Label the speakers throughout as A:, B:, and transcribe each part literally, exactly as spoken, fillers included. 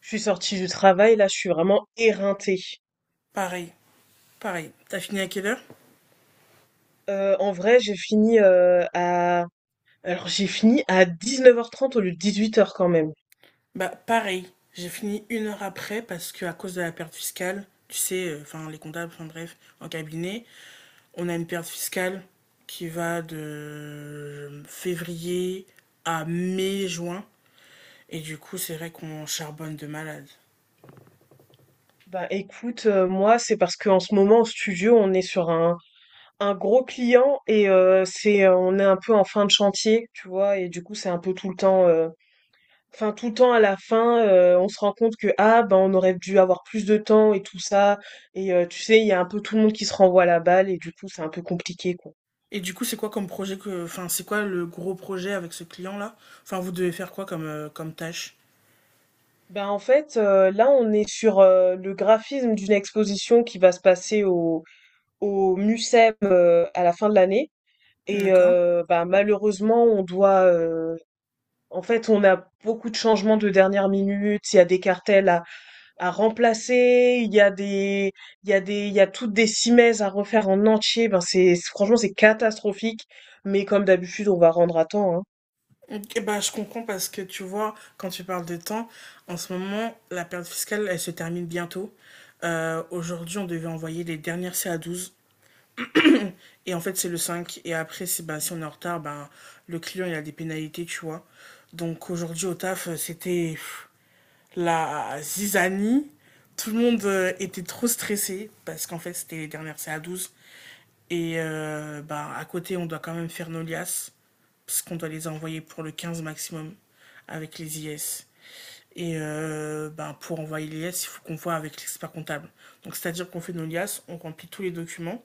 A: Je suis sortie du travail, là, je suis vraiment éreintée.
B: Pareil. Pareil. T'as fini à quelle heure?
A: Euh, en vrai, j'ai fini euh, à... Alors, j'ai fini à dix-neuf heures trente au lieu de dix-huit heures quand même.
B: Bah, pareil. J'ai fini une heure après parce que à cause de la perte fiscale, tu sais, enfin euh, enfin, les comptables, enfin bref, en cabinet, on a une perte fiscale qui va de février à mai-juin. Et du coup, c'est vrai qu'on charbonne de malade.
A: Bah écoute, euh, moi, c'est parce qu'en ce moment, au studio, on est sur un, un gros client et euh, c'est, euh, on est un peu en fin de chantier, tu vois, et du coup, c'est un peu tout le temps... euh, Enfin, tout le temps à la fin, euh, on se rend compte que ah ben on aurait dû avoir plus de temps et tout ça. Et euh, tu sais, il y a un peu tout le monde qui se renvoie la balle et du coup c'est un peu compliqué quoi.
B: Et du coup, c'est quoi comme projet que. Enfin, c'est quoi le gros projet avec ce client-là? Enfin, vous devez faire quoi comme, euh, comme tâche?
A: Ben en fait, euh, là, on est sur euh, le graphisme d'une exposition qui va se passer au, au musem euh, à la fin de l'année. Et
B: D'accord.
A: euh, ben, malheureusement, on doit... euh, en fait, on a beaucoup de changements de dernière minute. Il y a des cartels à, à remplacer, il y a des, il y a des, il y a toutes des simèses à refaire en entier. Ben c'est, c'est- franchement, c'est catastrophique. Mais comme d'habitude, on va rendre à temps, hein.
B: Ok, bah, je comprends parce que tu vois, quand tu parles de temps, en ce moment, la période fiscale, elle se termine bientôt. Euh, aujourd'hui, on devait envoyer les dernières ca douze et en fait, c'est le cinq. Et après, c'est, bah, si on est en retard, bah, le client, il a des pénalités, tu vois. Donc aujourd'hui, au taf, euh, c'était pff, la zizanie. Tout le monde euh, était trop stressé parce qu'en fait, c'était les dernières ca douze et euh, bah, à côté, on doit quand même faire nos liasses, parce qu'on doit les envoyer pour le quinze maximum avec les I S. Et euh, bah, pour envoyer les liasses, il faut qu'on voit avec l'expert comptable. Donc c'est-à-dire qu'on fait nos liasses, on remplit tous les documents,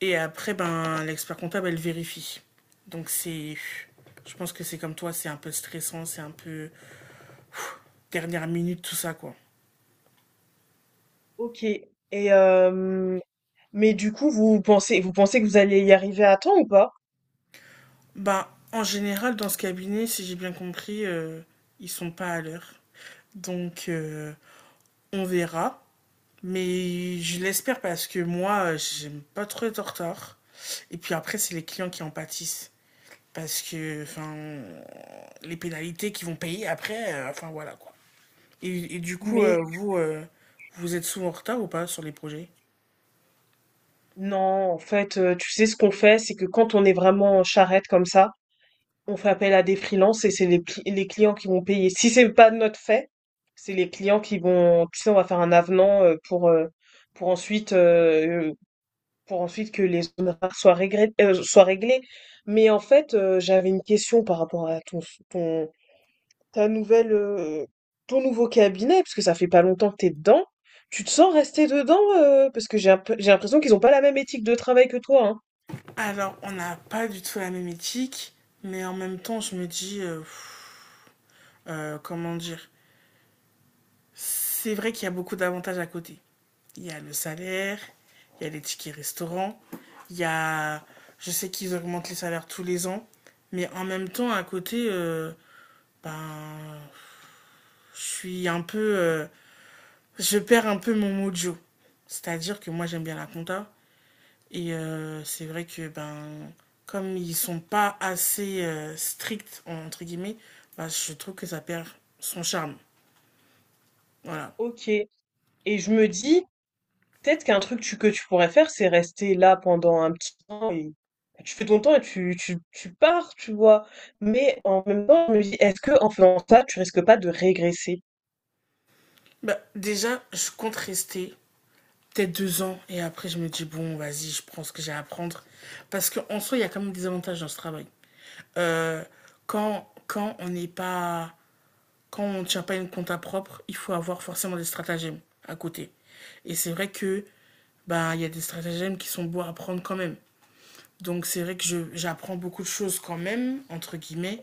B: et après, ben, l'expert comptable, elle vérifie. Donc c'est... Je pense que c'est comme toi, c'est un peu stressant, c'est un peu dernière minute, tout ça, quoi.
A: Ok. Et euh, mais du coup, vous pensez, vous pensez que vous allez y arriver à temps ou pas?
B: Bah, en général, dans ce cabinet, si j'ai bien compris, euh, ils sont pas à l'heure. Donc, euh, on verra. Mais je l'espère parce que moi, j'aime pas trop être en retard. Et puis après, c'est les clients qui en pâtissent. Parce que, enfin, les pénalités qu'ils vont payer après, euh, enfin voilà quoi. Et, et du coup, euh,
A: Mais
B: vous, euh, vous êtes souvent en retard ou pas sur les projets?
A: non, en fait, euh, tu sais ce qu'on fait, c'est que quand on est vraiment en charrette comme ça. On fait appel à des freelances et c'est les, pli- les clients qui vont payer. Si c'est pas de notre fait, c'est les clients qui vont, tu sais, on va faire un avenant euh, pour euh, pour ensuite euh, pour ensuite que les honoraires soient réglés, soient réglés. Mais en fait, euh, j'avais une question par rapport à ton ton ta nouvelle euh, ton nouveau cabinet parce que ça fait pas longtemps que t'es dedans. Tu te sens rester dedans euh, parce que j'ai un peu- j'ai l'impression qu'ils ont pas la même éthique de travail que toi, hein.
B: Alors, on n'a pas du tout la même éthique, mais en même temps, je me dis, euh, euh, comment dire, c'est vrai qu'il y a beaucoup d'avantages à côté. Il y a le salaire, il y a les tickets restaurants, il y a... Je sais qu'ils augmentent les salaires tous les ans, mais en même temps, à côté, euh, ben, je suis un peu... euh, je perds un peu mon mojo. C'est-à-dire que moi, j'aime bien la compta. Et euh, c'est vrai que, ben, comme ils sont pas assez euh, stricts, entre guillemets, ben, je trouve que ça perd son charme. Voilà.
A: Ok. Et je me dis peut-être qu'un truc tu- que tu pourrais faire, c'est rester là pendant un petit temps et tu fais ton temps et tu, tu, tu pars, tu vois. Mais en même temps, je me dis, est-ce que en faisant ça, tu risques pas de régresser?
B: Bah, déjà, je compte rester peut-être deux ans. Et après, je me dis, bon, vas-y, je prends ce que j'ai à apprendre. Parce qu'en soi, il y a quand même des avantages dans ce travail. Euh, quand, Quand on n'est pas. Quand on ne tient pas une compta propre, il faut avoir forcément des stratagèmes à côté. Et c'est vrai que ben, il y a des stratagèmes qui sont beaux à apprendre quand même. Donc c'est vrai que je, j'apprends beaucoup de choses quand même, entre guillemets.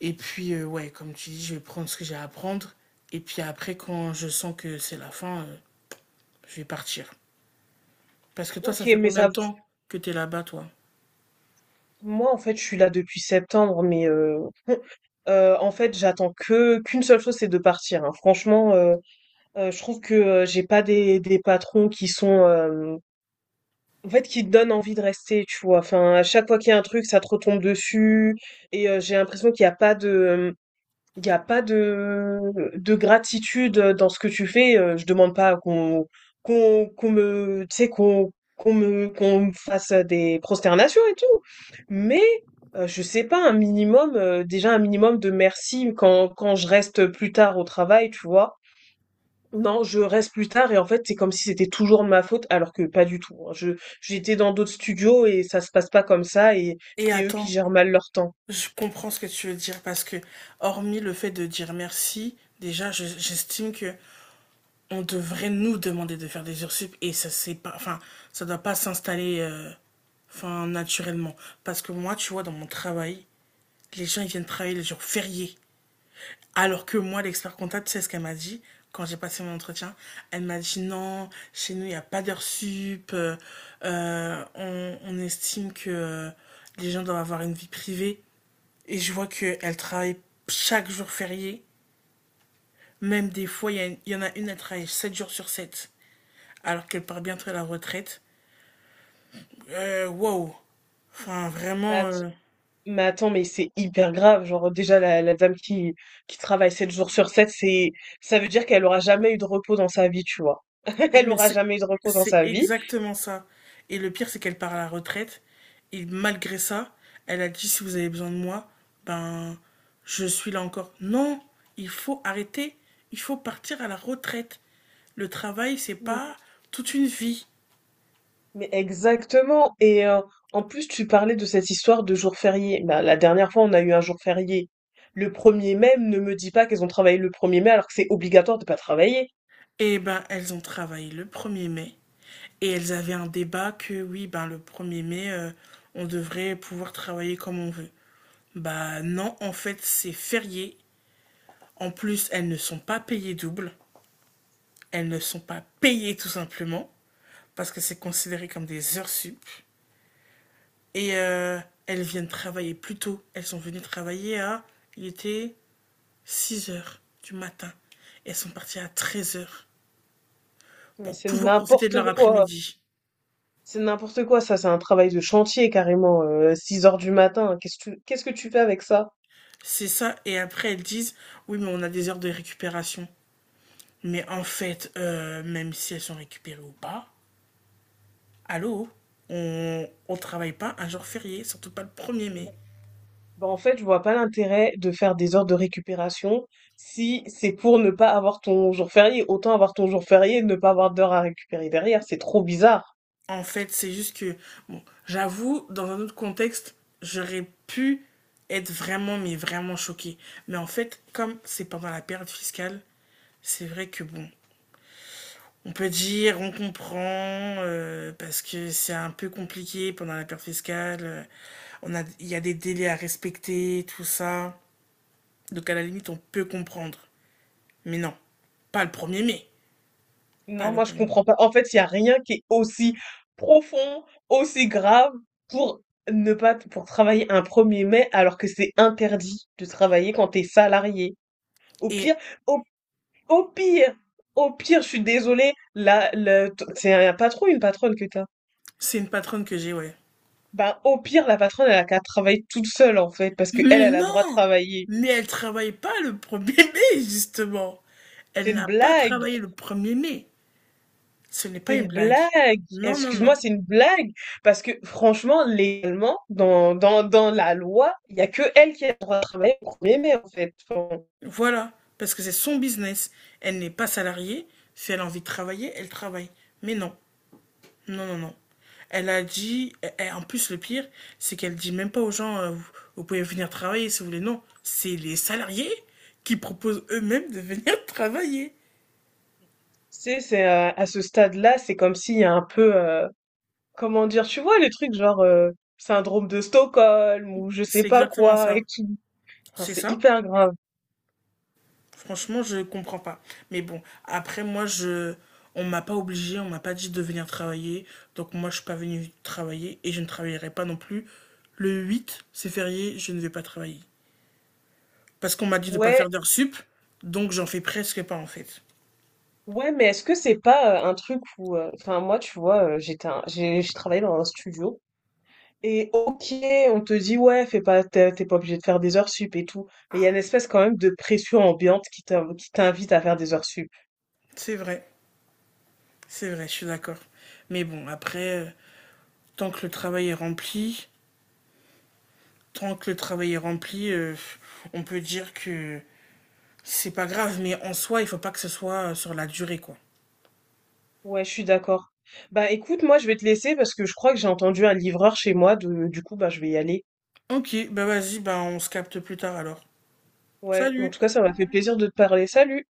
B: Et puis, euh, ouais, comme tu dis, je vais prendre ce que j'ai à apprendre. Et puis après, quand je sens que c'est la fin, euh, je vais partir. Parce que toi, ça
A: Ok,
B: fait
A: mais
B: combien
A: ça,
B: de temps que t'es là-bas, toi?
A: moi en fait, je suis là depuis septembre, mais euh, euh, en fait, j'attends que qu'une seule chose, c'est de partir. Hein. Franchement, euh, euh, je trouve que euh, j'ai pas des, des patrons qui sont, euh, en fait, qui te donnent envie de rester, tu vois. Enfin, à chaque fois qu'il y a un truc, ça te retombe dessus, et euh, j'ai l'impression qu'il n'y a pas de il n'y a pas de, de gratitude euh, dans ce que tu fais. euh, Je demande pas qu'on qu'on qu'on me, tu sais, qu'on qu'on me, qu'on me fasse des prosternations et tout. Mais euh, je sais pas, un minimum, euh, déjà un minimum de merci quand, quand je reste plus tard au travail, tu vois. Non, je reste plus tard et en fait, c'est comme si c'était toujours de ma faute, alors que pas du tout. Hein. Je, j'étais dans d'autres studios et ça se passe pas comme ça et
B: Et
A: c'est eux qui
B: attends,
A: gèrent mal leur temps.
B: je comprends ce que tu veux dire parce que, hormis le fait de dire merci, déjà, je- j'estime que on devrait nous demander de faire des heures sup et ça c'est pas, enfin, ça doit pas s'installer, euh, enfin, naturellement. Parce que moi, tu vois, dans mon travail, les gens ils viennent travailler les jours fériés. Alors que moi, l'expert comptable, tu sais ce qu'elle m'a dit quand j'ai passé mon entretien? Elle m'a dit non, chez nous, il n'y a pas d'heures sup. Euh, euh, on, on estime que euh, les gens doivent avoir une vie privée. Et je vois qu'elle travaille chaque jour férié. Même des fois, il y, y en a une, elle travaille sept jours sur sept, alors qu'elle part bientôt à la retraite. Euh, wow. Enfin, vraiment.
A: Bah,
B: Euh,
A: mais attends, mais c'est hyper grave. Genre, déjà, la, la dame qui, qui travaille sept jours sur sept c'est, ça veut dire qu'elle aura jamais eu de repos dans sa vie, tu vois. Elle
B: Mais
A: aura
B: c'est
A: jamais eu de repos dans
B: c'est
A: sa vie.
B: exactement ça. Et le pire, c'est qu'elle part à la retraite. Et malgré ça, elle a dit, si vous avez besoin de moi, ben, je suis là encore. Non, il faut arrêter. Il faut partir à la retraite. Le travail, c'est
A: Mm.
B: pas toute une vie.
A: Mais exactement. Et euh, en plus, tu parlais de cette histoire de jour férié. Bah, la dernière fois, on a eu un jour férié. Le premier mai, ne me dis pas qu'elles ont travaillé le premier mai alors que c'est obligatoire de pas travailler.
B: Et ben, elles ont travaillé le premier mai. Et elles avaient un débat que oui, ben le premier mai, euh, on devrait pouvoir travailler comme on veut. Bah non, en fait, c'est férié. En plus, elles ne sont pas payées double. Elles ne sont pas payées tout simplement parce que c'est considéré comme des heures sup. Et euh, Elles viennent travailler plus tôt. Elles sont venues travailler à, il était six heures du matin. Et elles sont parties à treize heures
A: Mais
B: pour
A: c'est
B: pouvoir profiter de
A: n'importe
B: leur
A: quoi.
B: après-midi.
A: C'est n'importe quoi, ça, c'est un travail de chantier carrément, euh, six heures du matin. Qu'est-ce que tu, qu'est-ce que tu fais avec ça?
B: C'est ça. Et après, elles disent, oui, mais on a des heures de récupération. Mais en fait, euh, même si elles sont récupérées ou pas, allô, on ne travaille pas un jour férié, surtout pas le premier mai.
A: Bah, en fait, je vois pas l'intérêt de faire des heures de récupération si c'est pour ne pas avoir ton jour férié. Autant avoir ton jour férié et ne pas avoir d'heures à récupérer derrière. C'est trop bizarre.
B: En fait, c'est juste que, bon, j'avoue, dans un autre contexte, j'aurais pu être vraiment, mais vraiment choquée. Mais en fait, comme c'est pendant la période fiscale, c'est vrai que, bon, on peut dire, on comprend, euh, parce que c'est un peu compliqué pendant la période fiscale. Euh, on a, il y a des délais à respecter, tout ça. Donc à la limite, on peut comprendre. Mais non, pas le premier mai. Pas
A: Non,
B: le
A: moi, je
B: premier mai.
A: comprends pas. En fait, il y a rien qui est aussi profond, aussi grave pour ne pas, pour travailler un premier mai alors que c'est interdit de travailler quand t'es salarié. Au
B: Et
A: pire, au, au pire, au pire, je suis désolée, là, le, t- c'est un patron, une patronne que t'as.
B: c'est une patronne que j'ai, ouais.
A: Bah, au pire, la patronne, elle a qu'à travailler toute seule, en fait, parce que elle,
B: Mais
A: elle a le droit de
B: non!
A: travailler.
B: Mais elle travaille pas le premier mai, justement.
A: C'est
B: Elle
A: une
B: n'a pas
A: blague.
B: travaillé le premier mai. Ce n'est
A: C'est
B: pas une
A: une
B: blague.
A: blague.
B: Non, non,
A: Excuse-moi,
B: non.
A: c'est une blague. Parce que franchement, légalement, dans, dans, dans la loi, il n'y a que elle qui a le droit de travailler au premier mai, en fait. Enfin, bon,
B: Voilà. Parce que c'est son business. Elle n'est pas salariée. Si elle a envie de travailler, elle travaille. Mais non. Non, non, non. Elle a dit, et- et en plus le pire, c'est qu'elle dit même pas aux gens, euh, vous, vous pouvez venir travailler si vous voulez. Non, c'est les salariés qui proposent eux-mêmes de venir travailler.
A: tu sais, c'est, euh, à ce stade-là, c'est comme s'il y a un peu, euh, comment dire, tu vois, les trucs genre euh, syndrome de Stockholm ou je sais
B: C'est
A: pas
B: exactement
A: quoi
B: ça.
A: et tout. Enfin,
B: C'est
A: c'est
B: ça.
A: hyper grave.
B: Franchement, je comprends pas. Mais bon, après, moi, je... on m'a pas obligé, on m'a pas dit de venir travailler. Donc, moi, je suis pas venu travailler et je ne travaillerai pas non plus. Le huit, c'est férié, je ne vais pas travailler. Parce qu'on m'a dit de pas
A: Ouais,
B: faire d'heures sup, donc j'en fais presque pas en fait.
A: ouais, mais est-ce que c'est pas euh, un truc où, euh, enfin, moi, tu vois, euh, j'étais, un- j'ai, j'ai travaillé dans un studio. Et ok, on te dit ouais, fais pas, t'es t'es pas obligé de faire des heures sup et tout, mais il y a une espèce quand même de pression ambiante qui t'in- qui t'invite à faire des heures sup.
B: C'est vrai, c'est vrai, je suis d'accord. Mais bon, après, euh, tant que le travail est rempli, tant que le travail est rempli, euh, on peut dire que c'est pas grave, mais en soi, il faut pas que ce soit euh, sur la durée, quoi.
A: Ouais, je suis d'accord. Bah écoute, moi je vais te laisser parce que je crois que j'ai entendu un livreur chez moi, de- du coup bah je vais y aller.
B: Ok, bah vas-y, bah on se capte plus tard alors.
A: Ouais, en
B: Salut!
A: tout cas ça m'a fait plaisir de te parler. Salut!